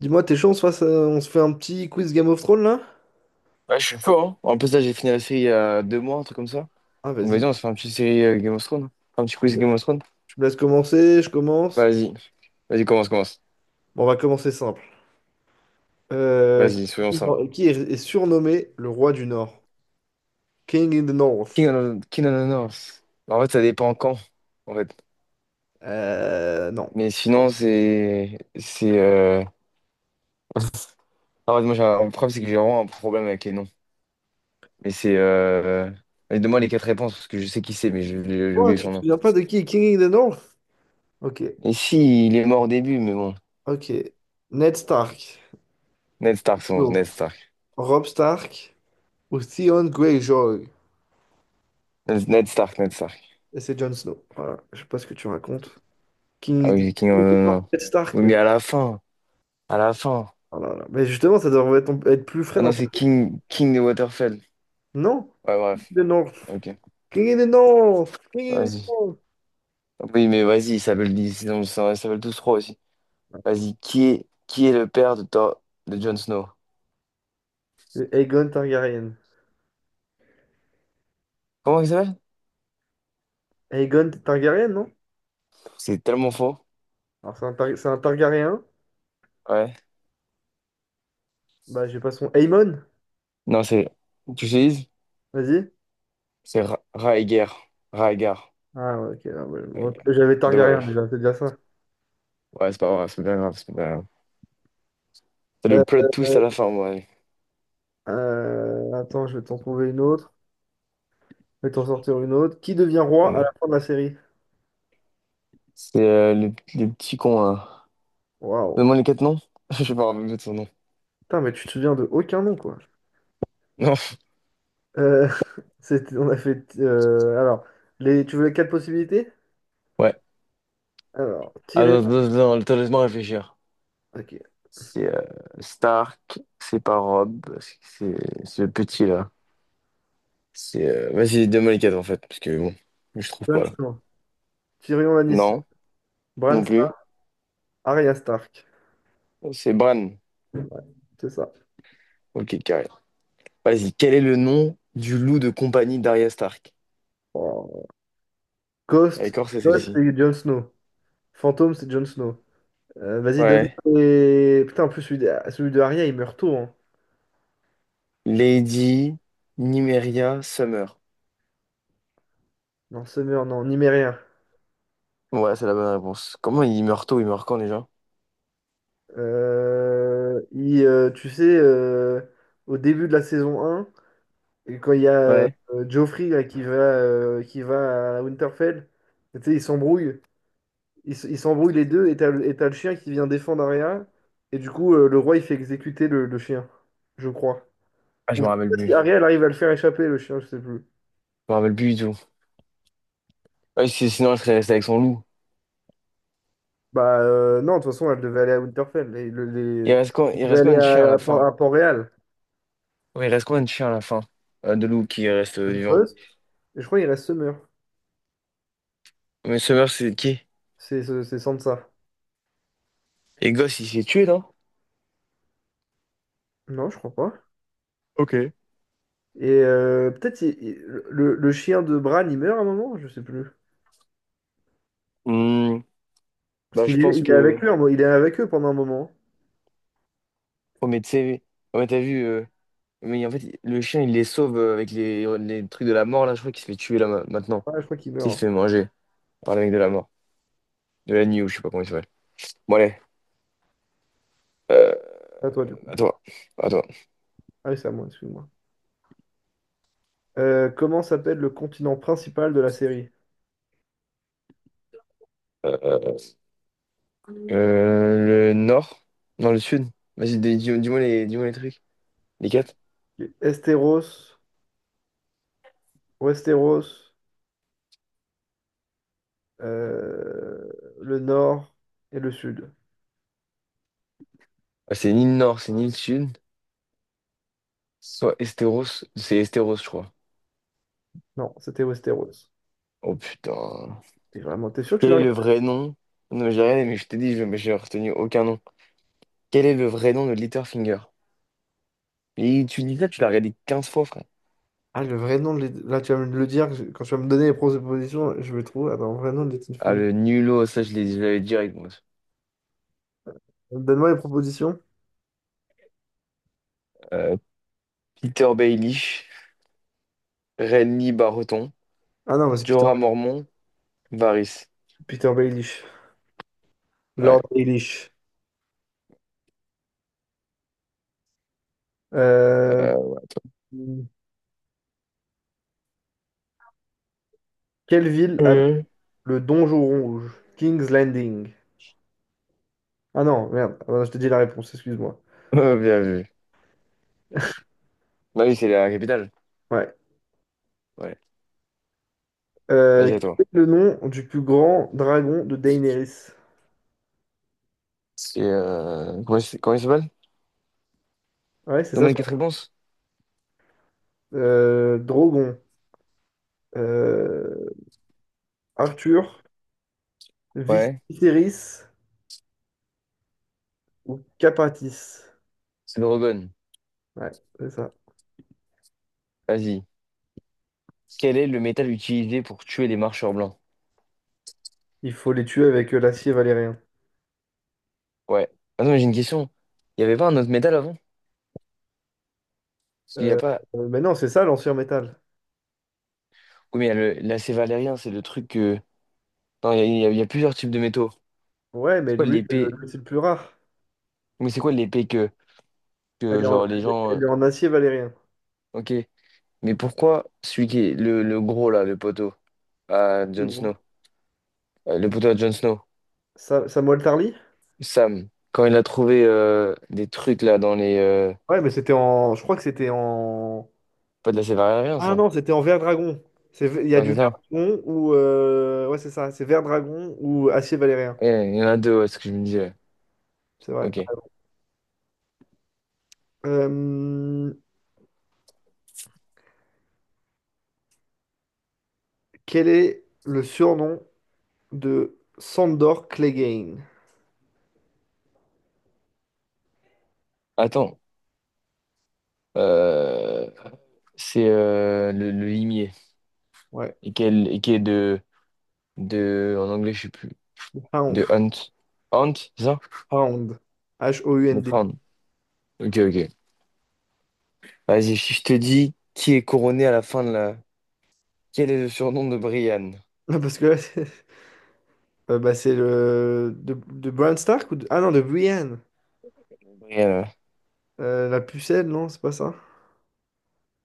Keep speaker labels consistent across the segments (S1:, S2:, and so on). S1: Dis-moi, t'es chaud, on se fasse, on se fait un petit quiz Game of Thrones là?
S2: Ouais, je suis chaud, hein. En plus, là, j'ai fini la série il y a 2 mois, un truc comme ça.
S1: Ah,
S2: Donc, vas-y,
S1: vas-y.
S2: on se fait un petit série Game of Thrones. Enfin, un petit quiz Game of Thrones.
S1: Tu me laisses commencer, je commence.
S2: Vas-y. Vas-y, commence, commence.
S1: Bon, on va commencer simple. Euh,
S2: Vas-y, soyons simples.
S1: qui est surnommé le roi du Nord? King in the North.
S2: King of Honors. En fait, ça dépend quand, en fait.
S1: Non.
S2: Mais sinon, c'est. C'est. En fait, moi, j'ai un problème, c'est que j'ai vraiment un problème avec les noms. Mais c'est. Allez, donne-moi les quatre réponses, parce que je sais qui c'est, mais j'ai
S1: Oh,
S2: oublié
S1: tu
S2: son
S1: te
S2: nom.
S1: souviens pas de qui est King in the North? Ok,
S2: Et si, il est mort au début, mais bon.
S1: ok. Ned Stark.
S2: Ned Stark, son Ned
S1: Non.
S2: Stark.
S1: Robb Stark ou Theon Greyjoy.
S2: Ned Stark, Ned Stark.
S1: Et c'est Jon Snow. Voilà, je sais pas ce que tu racontes.
S2: Ah
S1: King,
S2: oui,
S1: King
S2: c'est King, oh,
S1: in
S2: non,
S1: the
S2: non,
S1: North,
S2: non.
S1: Ned Stark.
S2: Oui,
S1: Mais,
S2: mais à la fin, à la fin.
S1: oh là là. Mais justement, ça devrait être plus frais
S2: Ah
S1: dans
S2: non,
S1: ta...
S2: c'est King, King de Waterfell.
S1: Non?
S2: Ouais, bref,
S1: De North.
S2: ok,
S1: King of the North. King of the
S2: vas-y.
S1: North.
S2: Oui, mais vas-y, ils s'appellent tous trois aussi. Vas-y, qui est le père de Jon Snow?
S1: Le Aegon Targaryen.
S2: Comment il s'appelle?
S1: Aegon Targaryen, non?
S2: C'est tellement faux.
S1: Alors, c'est un, c'est un Targaryen.
S2: Ouais.
S1: Bah, j'ai pas son. Aemon,
S2: Non, c'est. Tu utilises?
S1: vas-y.
S2: C'est Rhaegar. Rhaegar.
S1: Ah, ouais, ok, ah, ouais, bon,
S2: Rhaegar.
S1: j'avais Targaryen
S2: Dommage.
S1: déjà, c'est déjà ça.
S2: Ouais, c'est pas grave, c'est pas grave, c'est pas grave. C'est
S1: Euh,
S2: le plot twist à la fin, moi.
S1: attends, je vais t'en trouver une autre. Je vais t'en sortir une autre. Qui devient roi à la
S2: Ouais.
S1: fin de la série?
S2: C'est le petit con, là.
S1: Waouh.
S2: Donne-moi les quatre noms. Je sais pas, me de son nom.
S1: Putain, mais tu te souviens de aucun nom, quoi.
S2: Non.
S1: Euh, on a fait, alors, les, tu veux les quatre possibilités?
S2: Ouais.
S1: Alors, Tyrion.
S2: Attends, attends, attends, attends, laisse-moi réfléchir.
S1: Ok.
S2: C'est Stark, c'est pas Rob, c'est c'est ce petit-là. C'est vas-y, donne-moi les quatre en fait, parce que bon, je trouve
S1: Jon
S2: pas là.
S1: Snow. Tyrion Lannister.
S2: Non,
S1: Bran,
S2: non plus.
S1: Arya Stark,
S2: C'est Bran.
S1: c'est ça.
S2: Ok, carré. Vas-y, quel est le nom du loup de compagnie d'Arya Stark?
S1: Oh. Ghost,
S2: D'accord, c'est
S1: Ghost,
S2: celle-ci.
S1: c'est Jon Snow. Fantôme, c'est Jon Snow. Vas-y, donne
S2: Ouais.
S1: et... Putain, en plus, celui de Arya, il meurt tôt. Hein. Je-
S2: Lady Nymeria Summer.
S1: non, Summer, non, Numérien.
S2: Ouais, c'est la bonne réponse. Comment il meurt tôt? Il meurt quand déjà?
S1: Tu sais, au début de la saison un, et quand il y a
S2: Ouais.
S1: Joffrey là, qui va à Winterfell, tu sais, ils s'embrouillent. Ils s'embrouillent les deux, et et t'as le chien qui vient défendre Arya. Et du coup, le roi, il fait exécuter le chien, je crois.
S2: Ah, je
S1: Ou
S2: me
S1: je sais
S2: rappelle
S1: pas
S2: plus.
S1: si
S2: Je
S1: Ariel arrive à le faire échapper, le chien, je sais plus.
S2: me rappelle plus du tout. Ouais, sinon, elle serait restée avec son loup.
S1: Bah non, de toute façon, elle devait aller à Winterfell. Et le-
S2: Il
S1: les...
S2: reste quoi,
S1: Elle
S2: il
S1: devait
S2: reste combien
S1: aller
S2: de chiens à
S1: à,
S2: la fin?
S1: à Port-Réal.
S2: Oui, il reste combien de chiens à la fin? De loups qui restent
S1: Le
S2: vivants.
S1: poste. Et je crois qu'il reste Summer.
S2: Mais Summer, c'est qui?
S1: C'est Sansa.
S2: Et Gosse, il s'est tué, non?
S1: Non, je crois pas.
S2: Ok.
S1: Et peut-être le chien de Bran, il meurt à un moment, je sais plus.
S2: Hmm,
S1: Parce
S2: Bah, je
S1: qu'
S2: pense
S1: il est
S2: que.
S1: avec eux, il est avec eux pendant un moment.
S2: Oh, mais tu sais, oh, mais t'as vu. Mais en fait, le chien, il les sauve avec les trucs de la mort, là. Je crois qu'il se fait tuer, là, maintenant.
S1: Ah, je crois qu'il
S2: Tu sais, il se
S1: meurt.
S2: fait manger par le mec de la mort. De la nuit, ou je sais pas comment il s'appelle. Bon, allez. Euh,
S1: À toi, du coup.
S2: à toi. À toi.
S1: Ah oui, c'est à moi, excuse-moi. Comment s'appelle le continent principal de la série?
S2: Euh, le nord? Non, le sud. Vas-y, dis-moi les trucs. Les quatre?
S1: Esteros, Westeros, euh, le nord et le sud.
S2: Ah, c'est ni le nord, c'est ni le sud. Soit Esteros, c'est Esteros, je crois.
S1: Non, c'était Westeros.
S2: Oh putain.
S1: Et vraiment, t'es sûr que tu
S2: Quel
S1: l'as
S2: est le
S1: regardé?
S2: vrai nom? Non, j'ai rien. Mais je t'ai dit, je mais j'ai retenu aucun nom. Quel est le vrai nom de Littlefinger? Et tu dis ça, tu l'as regardé 15 fois, frère.
S1: Ah, le vrai nom de là, tu vas me le dire, quand tu vas me donner les propositions, je vais trouver. Attends, vrai nom de Little
S2: Ah,
S1: Fing.
S2: le nulot, ça, je l'avais direct, moi.
S1: Donne-moi les propositions.
S2: Euh, Peter Baelish, Renly Barreton,
S1: Ah non, mais c'est Peter,
S2: Jorah Mormont, Varys.
S1: Peter Baelish. Lord
S2: Ouais.
S1: Baelish. Euh,
S2: Euh,
S1: Quelle ville a
S2: euh,
S1: le donjon rouge? King's Landing. Ah non, merde. Ah non, je te dis la réponse, excuse-moi.
S2: Bien vu. Bah oui, c'est la capitale.
S1: Ouais.
S2: Ouais. Vas-y, à toi.
S1: Quel est le nom du plus grand dragon de Daenerys?
S2: C'est. Comment il s'appelle?
S1: Ouais, c'est ça.
S2: Donne-moi les
S1: Son-
S2: quatre réponses.
S1: Drogon. Euh, Arthur,
S2: Ouais.
S1: Viserys ou Capatis.
S2: C'est Drogon.
S1: Ouais, c'est ça.
S2: Vas-y. Quel est le métal utilisé pour tuer les marcheurs blancs?
S1: Il faut les tuer avec l'acier valérien.
S2: Ouais. Attends, mais j'ai une question. Il n'y avait pas un autre métal avant? Parce qu'il n'y a
S1: Euh,
S2: pas.
S1: mais non, c'est ça l'ancien métal.
S2: Oui, mais il y a l'acé valérien, c'est le truc que. Non, il y a, il y a- il y a plusieurs types de métaux.
S1: Ouais,
S2: C'est
S1: mais
S2: quoi
S1: lui, c'est
S2: l'épée?
S1: c'est le plus rare.
S2: Mais c'est quoi l'épée que,
S1: Elle
S2: que,
S1: est en,
S2: genre, les gens.
S1: elle est en acier valérien.
S2: Ok. Mais pourquoi celui qui est le gros, là, le poteau à
S1: Oui,
S2: Jon Snow?
S1: bon.
S2: Le poteau à Jon Snow,
S1: Sa- Samuel Tarly?
S2: Sam, quand il a trouvé des trucs, là, dans les.
S1: Ouais, mais c'était en. Je crois que c'était en.
S2: Pas de l'acé valérien,
S1: Ah
S2: ça.
S1: non, c'était en vert dragon. C'est- il y a
S2: Ouais,
S1: du
S2: c'est
S1: vert
S2: ça.
S1: dragon ou, ouais, c'est ça. C'est vert dragon ou acier valérien.
S2: Ouais, il y en a deux, ouais, c'est ce que je me disais.
S1: C'est vrai, t'as
S2: Ok.
S1: raison. Euh, Quel est le surnom de Sandor Clegane.
S2: Attends. Euh, c'est le limier.
S1: Ouais,
S2: Et qui est de, de. En anglais, je sais plus. De
S1: Hound.
S2: Hunt. Hunt, c'est ça?
S1: Hound.
S2: De
S1: H-O-U-N-D.
S2: prendre. Ok, ok. Vas-y, si je te dis qui est couronné à la fin de la. Quel est le surnom de Brian?
S1: Non, parce que là, c'est bah, c'est le. De Bran Stark ou de... Ah non, de Brienne.
S2: Brian, ouais.
S1: La pucelle, non, c'est pas ça.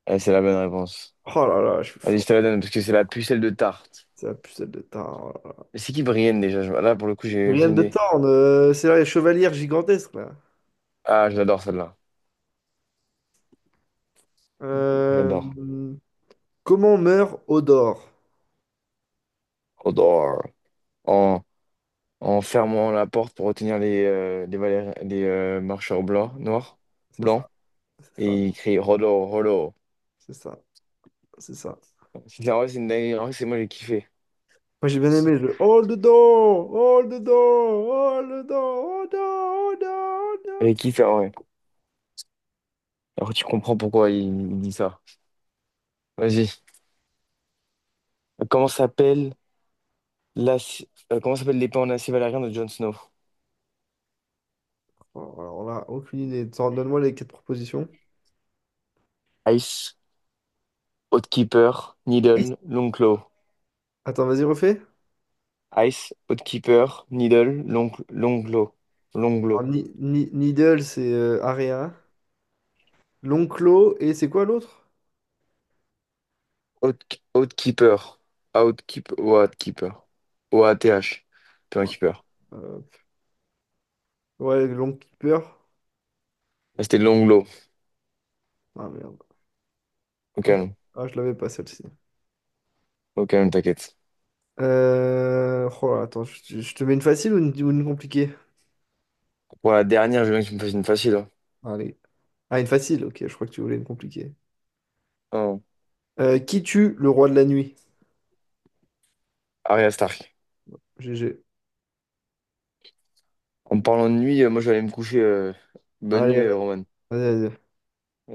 S2: Ouais, c'est la bonne réponse.
S1: Oh là là, je suis
S2: Vas, je
S1: fort.
S2: te la donne parce que c'est la pucelle de tarte.
S1: C'est la pucelle de Tarn. Oh là là.
S2: Mais c'est qui Brienne déjà? Là, pour le coup, j'ai
S1: Brienne
S2: aucune
S1: de
S2: idée.
S1: Tarn, c'est là les chevalières gigantesques, là.
S2: Ah, je l'adore celle-là. J'adore.
S1: Euh, Comment meurt Odor?
S2: J'adore. En fermant la porte pour retenir les marcheurs blancs, noirs,
S1: C'est
S2: blancs,
S1: ça, c'est ça,
S2: et il crie Rollo, Rollo.
S1: c'est ça, c'est ça.
S2: C'est en vrai, c'est une dinguerie. En vrai, c'est moi, j'ai kiffé.
S1: Moi, j'ai bien aimé le Hold the door, hold the door, hold the door, hold the door, hold the door, hold the- door.
S2: J'ai kiffé, en vrai. Alors, tu comprends pourquoi il dit ça. Vas-y. Comment s'appelle la, comment s'appelle l'épée en acier valérien de Jon Snow?
S1: Oh, alors là, aucune idée. T'en- donne-moi les quatre propositions.
S2: Ice, Outkeeper,
S1: Et-
S2: Needle, Longclaw.
S1: attends, vas-y, refais.
S2: Ice, Outkeeper, Needle, Longclaw. Longclaw.
S1: Alors, Needle, c'est Area. L'Onclo, et c'est quoi l'autre?
S2: Outkeeper. Outkeeper. Oath. Puis un
S1: Ouais,
S2: keeper.
S1: euh, ouais, l'Oncle Keeper.
S2: Ah, c'était Longlow.
S1: Ah merde.
S2: Au
S1: Ah, je,
S2: calme.
S1: ah, je l'avais pas celle-ci.
S2: Au calme, t'inquiète.
S1: Oh là, attends, je te mets une facile ou une compliquée?
S2: Pour la dernière, je veux bien que tu me fasses une facile, hein.
S1: Allez. Ah, une facile, ok, je crois que tu voulais une compliquée.
S2: Oh,
S1: Qui tue le roi de la nuit?
S2: Arya Stark.
S1: GG.
S2: En me parlant de nuit, moi je vais aller me coucher. Bonne nuit,
S1: Allez, vas-y,
S2: Roman.
S1: vas-y.